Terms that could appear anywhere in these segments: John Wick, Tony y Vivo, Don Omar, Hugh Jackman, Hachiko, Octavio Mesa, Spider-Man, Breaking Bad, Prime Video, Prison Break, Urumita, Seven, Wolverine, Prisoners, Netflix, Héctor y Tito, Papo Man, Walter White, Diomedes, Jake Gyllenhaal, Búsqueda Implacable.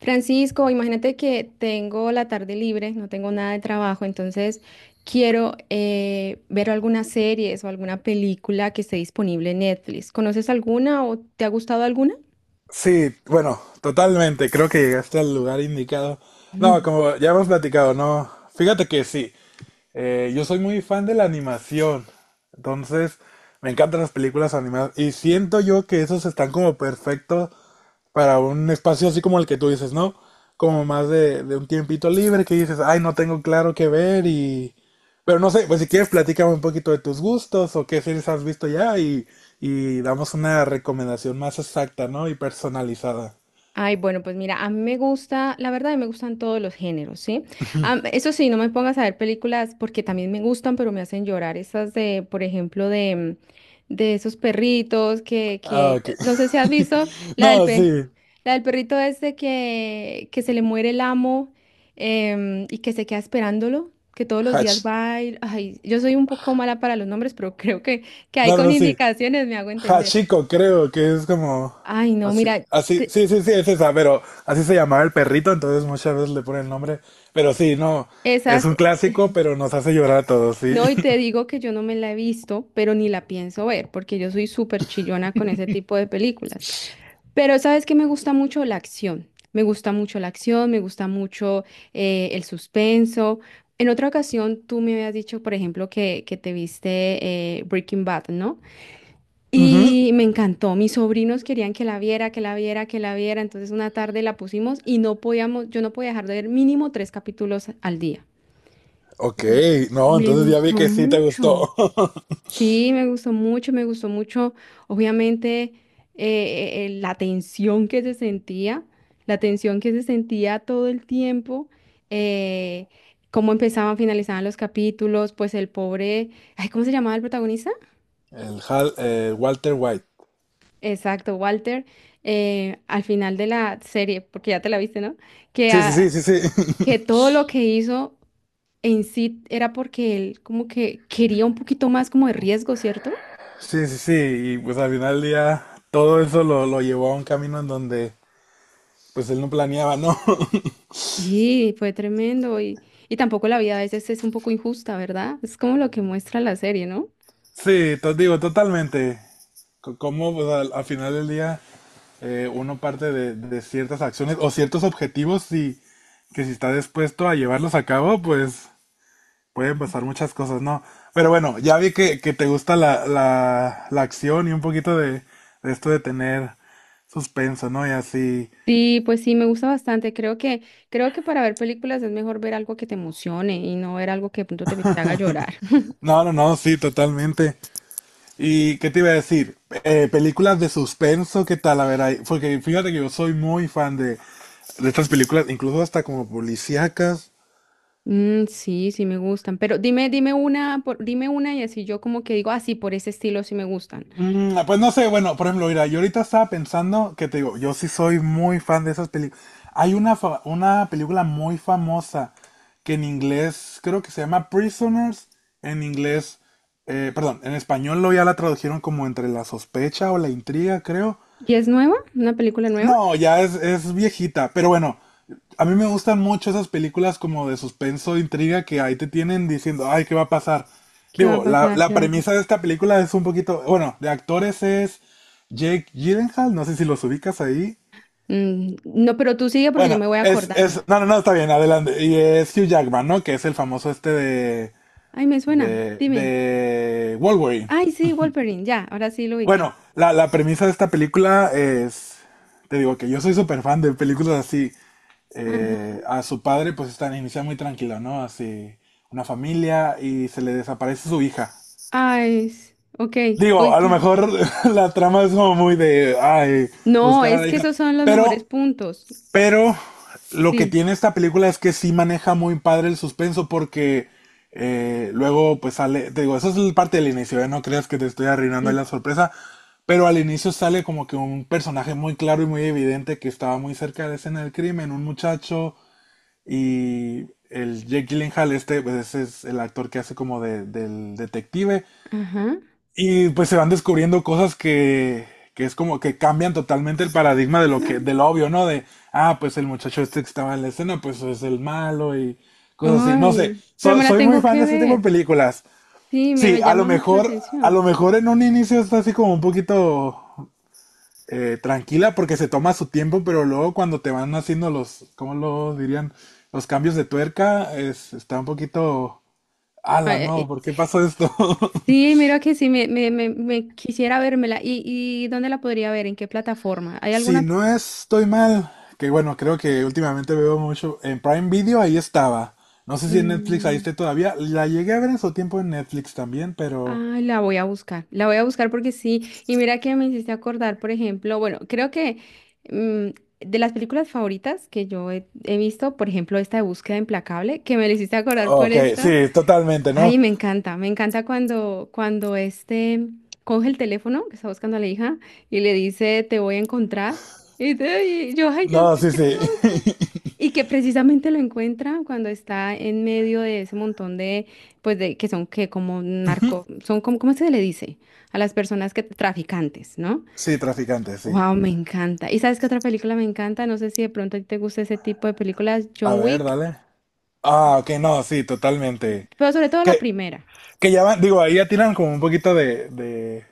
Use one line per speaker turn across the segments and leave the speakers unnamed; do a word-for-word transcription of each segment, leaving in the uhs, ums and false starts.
Francisco, imagínate que tengo la tarde libre, no tengo nada de trabajo, entonces quiero eh, ver algunas series o alguna película que esté disponible en Netflix. ¿Conoces alguna o te ha gustado alguna?
Sí, bueno, totalmente, creo que llegaste al lugar indicado. No, como ya hemos platicado, no. Fíjate que sí, eh, yo soy muy fan de la animación, entonces me encantan las películas animadas y siento yo que esos están como perfectos para un espacio así como el que tú dices, ¿no? Como más de, de un tiempito libre que dices, ay, no tengo claro qué ver y... Pero no sé, pues si quieres platícame un poquito de tus gustos o qué series has visto ya y, y damos una recomendación más exacta, ¿no? Y personalizada.
Ay, bueno, pues mira, a mí me gusta, la verdad, a mí me gustan todos los géneros, ¿sí? Am- eso sí, no me pongas a ver películas porque también me gustan, pero me hacen llorar. Esas de, por ejemplo, de, mm, de esos perritos que,
Ah,
que,
ok.
no sé si has visto la del
No,
pe,
sí.
la del perrito este que, que se le muere el amo, em, y que se queda esperándolo, que todos los días
Hatch.
va y, ay, yo soy un poco mala para los nombres, pero creo que, que ahí
No,
con
no, sí.
indicaciones me hago entender.
Hachiko, creo que es como
Ay, no,
así,
mira.
así,
te-
sí, sí, sí, es esa, pero así se llamaba el perrito, entonces muchas veces le ponen el nombre, pero sí, no, es
Esas.
un clásico, pero nos hace llorar a todos, sí.
No, y te digo que yo no me la he visto, pero ni la pienso ver, porque yo soy súper chillona con ese tipo de películas. Pero sabes que me gusta mucho la acción, me gusta mucho la acción, me gusta mucho eh, el suspenso. En otra ocasión tú me habías dicho, por ejemplo, que, que te viste eh, Breaking Bad, ¿no?
Ujú.
Y me encantó, mis sobrinos querían que la viera, que la viera, que la viera, entonces una tarde la pusimos y no podíamos, yo no podía dejar de ver mínimo tres capítulos al día.
Ok,
Mm.
no,
Me
entonces ya
gustó
vi que sí te
mucho.
gustó.
Sí, me gustó mucho, me gustó mucho, obviamente, eh, eh, eh, la tensión que se sentía, la tensión que se sentía todo el tiempo, eh, cómo empezaban, finalizaban los capítulos, pues el pobre, ay, ¿cómo se llamaba el protagonista?
El Hal- eh, Walter White.
Exacto, Walter, eh, al final de la serie, porque ya te la viste, ¿no? Que,
Sí, sí, sí,
ah,
sí, sí.
que todo lo que hizo en sí era porque él como que quería un poquito más como de riesgo, ¿cierto?
Sí, sí, sí. Y pues al final del día todo eso lo, lo llevó a un camino en donde pues él no planeaba, ¿no?
Sí, fue tremendo y, y tampoco la vida a veces es un poco injusta, ¿verdad? Es como lo que muestra la serie, ¿no?
Sí, te digo, totalmente. C- Como pues al, al final del día, eh, uno parte de, de ciertas acciones o ciertos objetivos y que si está dispuesto a llevarlos a cabo, pues pueden pasar muchas cosas, ¿no? Pero bueno, ya vi que, que te gusta la, la, la acción y un poquito de, de esto de tener suspenso, ¿no? Y así.
Sí, pues sí, me gusta bastante. Creo que, creo que para ver películas es mejor ver algo que te emocione y no ver algo que de pronto te, te haga llorar.
No, no, no, sí, totalmente. ¿Y qué te iba a decir? Eh, películas de suspenso, ¿qué tal? A ver, ahí, porque fíjate que yo soy muy fan de, de estas películas, incluso hasta como policíacas.
Mm, sí, sí me gustan. Pero dime, dime una, por- dime una y así yo como que digo, ah, sí, por ese estilo sí me gustan.
Mm, pues no sé, bueno, por ejemplo, mira, yo ahorita estaba pensando que te digo, yo sí soy muy fan de esas películas. Hay una, fa- una película muy famosa que en inglés creo que se llama Prisoners, en inglés. Eh, perdón, en español lo ya la tradujeron como entre la sospecha o la intriga, creo.
¿Y es nueva? ¿Una película nueva?
No, ya es, es viejita, pero bueno, a mí me gustan mucho esas películas como de suspenso, intriga, que ahí te tienen diciendo, ay, ¿qué va a pasar?
¿Qué va a
Digo, la,
pasar? ¿Qué
la
va a pasar?
premisa de esta película es un poquito, bueno, de actores es Jake Gyllenhaal, no sé si los ubicas ahí.
Mm, no, pero tú sigue porque yo
Bueno,
me voy
es, es,
acordando.
no, no, no, está bien, adelante. Y es Hugh Jackman, ¿no? Que es el famoso este de,
Ay, me suena.
de,
Dime.
de Wolverine.
Ay, sí, Wolverine. Ya, ahora sí lo ubiqué.
Bueno, la, la premisa de esta película es, te digo que yo soy súper fan de películas así, eh, a su padre, pues están inicia muy tranquilo, ¿no? Así, una familia y se le desaparece su hija.
Ah, es. Ok,
Digo, a lo
ok.
mejor la trama es como muy de, ay,
No,
buscar a
es
la
que
hija.
esos son los mejores
Pero,
puntos.
pero lo que
Sí.
tiene esta película es que sí maneja muy padre el suspenso, porque eh, luego pues sale, te digo, eso es el parte del inicio, ¿eh? No creas que te estoy arruinando ahí
Mm.
la sorpresa, pero al inicio sale como que un personaje muy claro y muy evidente que estaba muy cerca de la escena del crimen, un muchacho, y el Jake Gyllenhaal, este, pues ese es el actor que hace como de, del detective.
Ajá.
Y pues se van descubriendo cosas que, que es como que cambian totalmente el paradigma de lo que, del obvio, ¿no? De, ah, pues el muchacho este que estaba en la escena, pues es el malo y cosas así. No sé,
Ay, pero
so-
me la
soy muy
tengo
fan
que
de este tipo de
ver.
películas.
Sí, me,
Sí,
me
a lo
llama mucho la
mejor, a
atención.
lo mejor en un inicio está así como un poquito eh, tranquila porque se toma su tiempo, pero luego cuando te van haciendo los, ¿cómo lo dirían? Los cambios de tuerca, es, está un poquito...
Ah,
Ala,
eh, eh,
no, ¿por qué pasó esto?
Sí, mira que sí, me, me, me, me quisiera vérmela. ¿Y, y dónde la podría ver? ¿En qué plataforma? ¿Hay
Si
alguna? pla-
no estoy mal, que bueno, creo que últimamente veo mucho en Prime Video, ahí estaba. No sé si en Netflix ahí
Mm.
esté todavía. La llegué a ver en su tiempo en Netflix también, pero...
Ah, la voy a buscar, la voy a buscar porque sí, y mira que me hiciste acordar, por ejemplo, bueno, creo que mm, de las películas favoritas que yo he, he visto, por ejemplo, esta de Búsqueda Implacable, que me la hiciste acordar por
Ok,
esta,
sí, totalmente, ¿no?
ay, me encanta, me encanta cuando, cuando este coge el teléfono que está buscando a la hija y le dice, te voy a encontrar, y, te- y yo, ay, Dios
No,
mío,
sí,
qué
sí.
susto. Y que precisamente lo encuentra cuando está en medio de ese montón de, pues de que son que como
Ujú.
narco, son como, ¿cómo se le dice? A las personas que traficantes, ¿no?
Sí, traficante, sí.
Wow, me encanta. ¿Y sabes qué otra película me encanta? No sé si de pronto a ti te gusta ese tipo de películas,
A
John
ver,
Wick,
dale. Ah, ok, no, sí, totalmente.
pero sobre todo la
Que
primera.
Que ya van, digo, ahí ya tiran como un poquito de, de,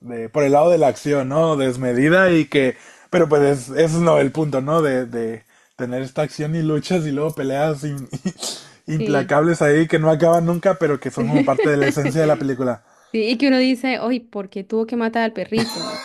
de- por el lado de la acción, ¿no? Desmedida y que, pero pues es, es no el punto, ¿no? De, de tener esta acción y luchas y luego peleas in-
Sí.
implacables ahí que no acaban nunca, pero que son como parte de la esencia de la película.
Sí, y que uno dice, oye, ¿por qué tuvo que matar al perrito?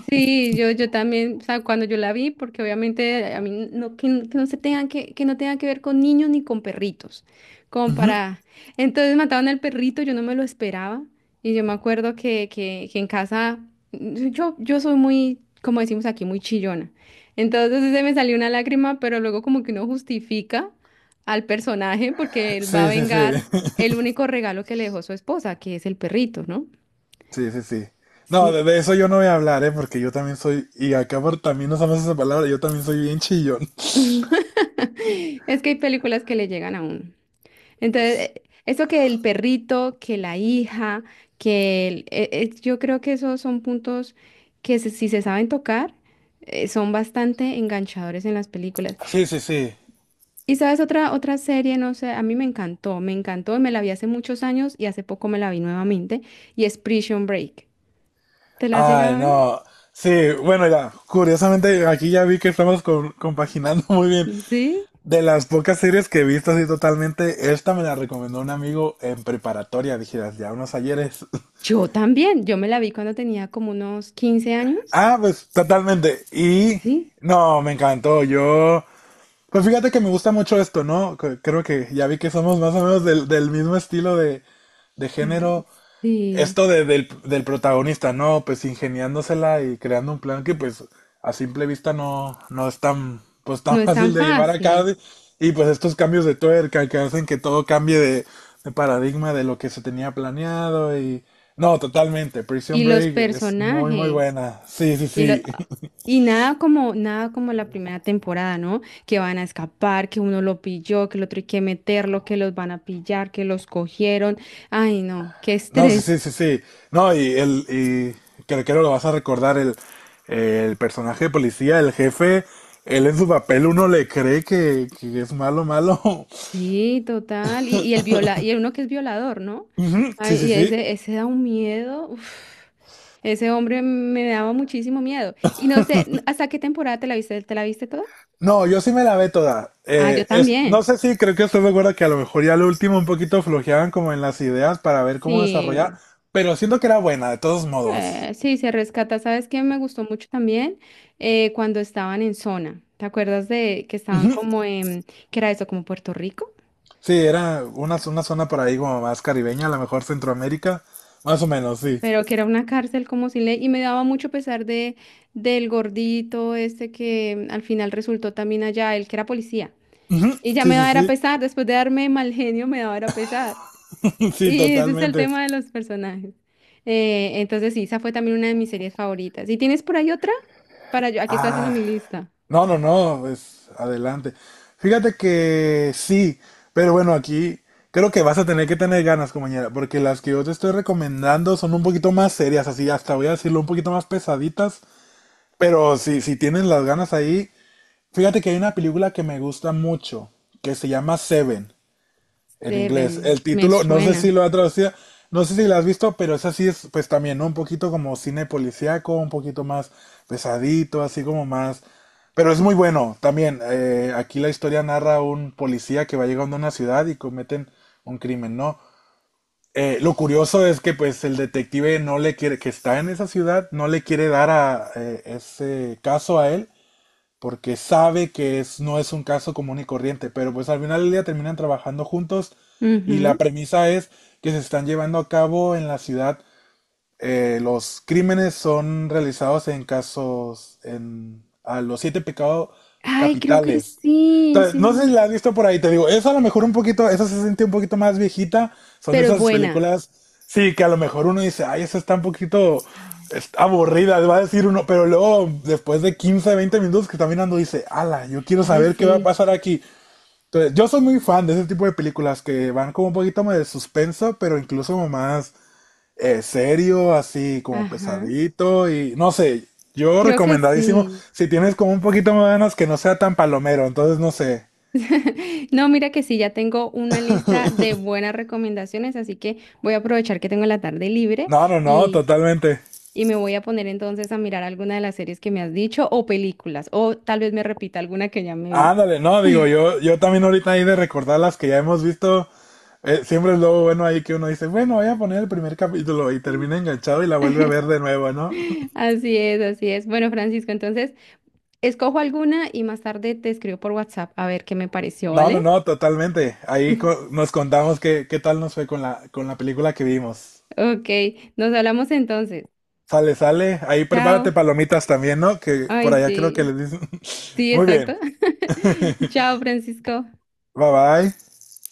Sí, yo, yo también, o sea, cuando yo la vi, porque obviamente a mí no, que, n- que no se tengan que, que no tenga que ver con niños ni con perritos, como
Ujú.
para... Entonces mataron al perrito, yo no me lo esperaba, y yo me acuerdo que, que, que en casa, mm, yo, yo soy muy, como decimos aquí, muy chillona, entonces se me salió una lágrima, pero luego como que uno justifica al personaje porque él va a
Sí, sí, sí.
vengar el único regalo que le dejó su esposa, que es el perrito, ¿no?
Sí, sí, sí. No,
Sí,
de, de eso yo no voy a hablar, ¿eh? Porque yo también soy, y acá por, también usamos esa palabra, yo también soy bien chillón.
es que hay películas que le llegan a uno. Entonces, eh, eso que el perrito, que la hija, que el- eh, eh, yo creo que esos son puntos que se- si se saben tocar, eh, son bastante enganchadores en las películas.
Sí, sí, sí.
Y sabes, otra, otra serie, no sé, a mí me encantó, me encantó, me la vi hace muchos años y hace poco me la vi nuevamente, y es Prison Break. ¿Te la has llegado
Ay,
a ver?
no. Sí, bueno, ya, curiosamente aquí ya vi que estamos con- compaginando muy bien.
Mm. Sí.
De las pocas series que he visto así totalmente, esta me la recomendó un amigo en preparatoria, dijeras, ya unos ayeres.
Yo también, yo me la vi cuando tenía como unos quince años.
Ah, pues totalmente. Y
Sí.
no, me encantó. Yo, pues fíjate que me gusta mucho esto, ¿no? C- Creo que ya vi que somos más o menos del, del mismo estilo de, de
Mm,
género.
sí,
Esto de- del, del protagonista, ¿no? Pues ingeniándosela y creando un plan que pues a simple vista no, no es tan, pues,
no
tan
es tan
fácil de llevar a cabo.
fácil.
Y pues estos cambios de tuerca que hacen que todo cambie de, de paradigma de lo que se tenía planeado y... No, totalmente. Prison
Y los
Break es muy, muy
personajes.
buena. Sí, sí,
Y, lo,
sí.
y nada como, nada como la primera temporada, ¿no? Que van a escapar, que uno lo pilló, que el otro hay que meterlo, que los van a pillar, que los cogieron. Ay, no, qué
No, sí,
estrés.
sí, sí, sí. No, y el, y creo que creo lo vas a recordar, el, el personaje de policía, el jefe, él en su papel uno le cree que, que es malo, malo.
Sí, total. Y, y el viola, y el uno que es violador, ¿no?
Ujú. Sí,
Ay,
sí,
y
sí.
ese, ese da un miedo. Uf. Ese hombre me daba muchísimo miedo. Y no sé, ¿hasta qué temporada te la viste? ¿Te la viste toda?
No, yo sí me la ve toda.
Ah, yo
Eh, es,
también.
no sé si creo que estoy de acuerdo que a lo mejor ya lo último un poquito flojeaban como en las ideas para ver cómo
Sí.
desarrollar, pero siento que era buena, de todos modos.
Eh, sí, se rescata. ¿Sabes qué me gustó mucho también? Eh, cuando estaban en zona. ¿Te acuerdas de que estaban
Ujú.
como en, que era eso, como Puerto Rico?
Sí, era una, una zona por ahí como más caribeña, a lo mejor Centroamérica, más o menos, sí.
Pero que era una cárcel como sin ley. Y me daba mucho pesar de, del gordito este que al final resultó también allá, el que era policía.
Ujú.
Y ya
Sí,
me
sí,
daba
sí.
era pesar, después de darme mal genio, me daba era pesar.
Sí,
Y ese es el
totalmente.
tema de los personajes. Eh, entonces sí, esa fue también una de mis series favoritas. ¿Y tienes por ahí otra? Para yo, aquí estoy haciendo
Ah,
mi lista.
no, no, no, pues adelante. Fíjate que sí, pero bueno, aquí creo que vas a tener que tener ganas, compañera, porque las que yo te estoy recomendando son un poquito más serias, así hasta voy a decirlo, un poquito más pesaditas, pero si, si tienes las ganas ahí, fíjate que hay una película que me gusta mucho, que se llama Seven. En inglés.
Seven,
El
me
título, no sé si
suena.
lo ha traducido, no sé si lo has visto, pero esa sí es, pues también, ¿no? Un poquito como cine policíaco, un poquito más pesadito, así como más. Pero es muy bueno también. Eh, aquí la historia narra un policía que va llegando a una ciudad y cometen un crimen, ¿no? Eh, lo curioso es que, pues, el detective no le quiere, que está en esa ciudad, no le quiere dar a eh, ese caso a él porque sabe que es, no es un caso común y corriente, pero pues al final del día terminan trabajando juntos, y la
Ujú.
premisa es que se están llevando a cabo en la ciudad, eh, los crímenes son realizados en casos, en, a los siete pecados
Ay, creo que
capitales.
sí,
Ta-
sí me
No
la he
sé si
visto.
la has visto por ahí, te digo, eso a lo mejor un poquito, eso se siente un poquito más viejita, son de
Pero es
esas
buena.
películas, sí, que a lo mejor uno dice, ay, esa está un poquito
Ay,
es- aburrida, va a decir uno, pero luego después de quince, veinte minutos que está mirando dice, ala, yo quiero
ay,
saber qué va a
sí.
pasar aquí. Entonces, yo soy muy fan de ese tipo de películas que van como un poquito más de suspenso, pero incluso más eh, serio, así como
Ajá.
pesadito y no sé, yo
Creo que
recomendadísimo,
sí.
si tienes como un poquito más de ganas que no sea tan palomero, entonces no sé.
No, mira que sí, ya tengo una lista de buenas recomendaciones, así que voy a aprovechar que tengo la tarde libre
No, no, no,
y,
totalmente.
y me voy a poner entonces a mirar alguna de las series que me has dicho o películas, o tal vez me repita alguna que ya me vi.
Ándale, no, digo, yo, yo también ahorita ahí de recordar las que ya hemos visto, eh, siempre es lo bueno ahí que uno dice, bueno, voy a poner el primer capítulo y termina enganchado y la vuelve a ver de nuevo, ¿no?
Así es, así es. Bueno, Francisco, entonces escojo alguna y más tarde te escribo por WhatsApp a ver qué me pareció,
No, no,
¿vale?
no, totalmente. Ahí co- nos contamos qué, qué tal nos fue con la, con la película que vimos.
Ok, nos hablamos entonces.
Sale, sale. Ahí
Chao.
prepárate palomitas también, ¿no? Que por
Ay,
allá creo que
sí.
les dicen.
Sí,
Muy
exacto.
bien.
Chao, Francisco.
Bye bye.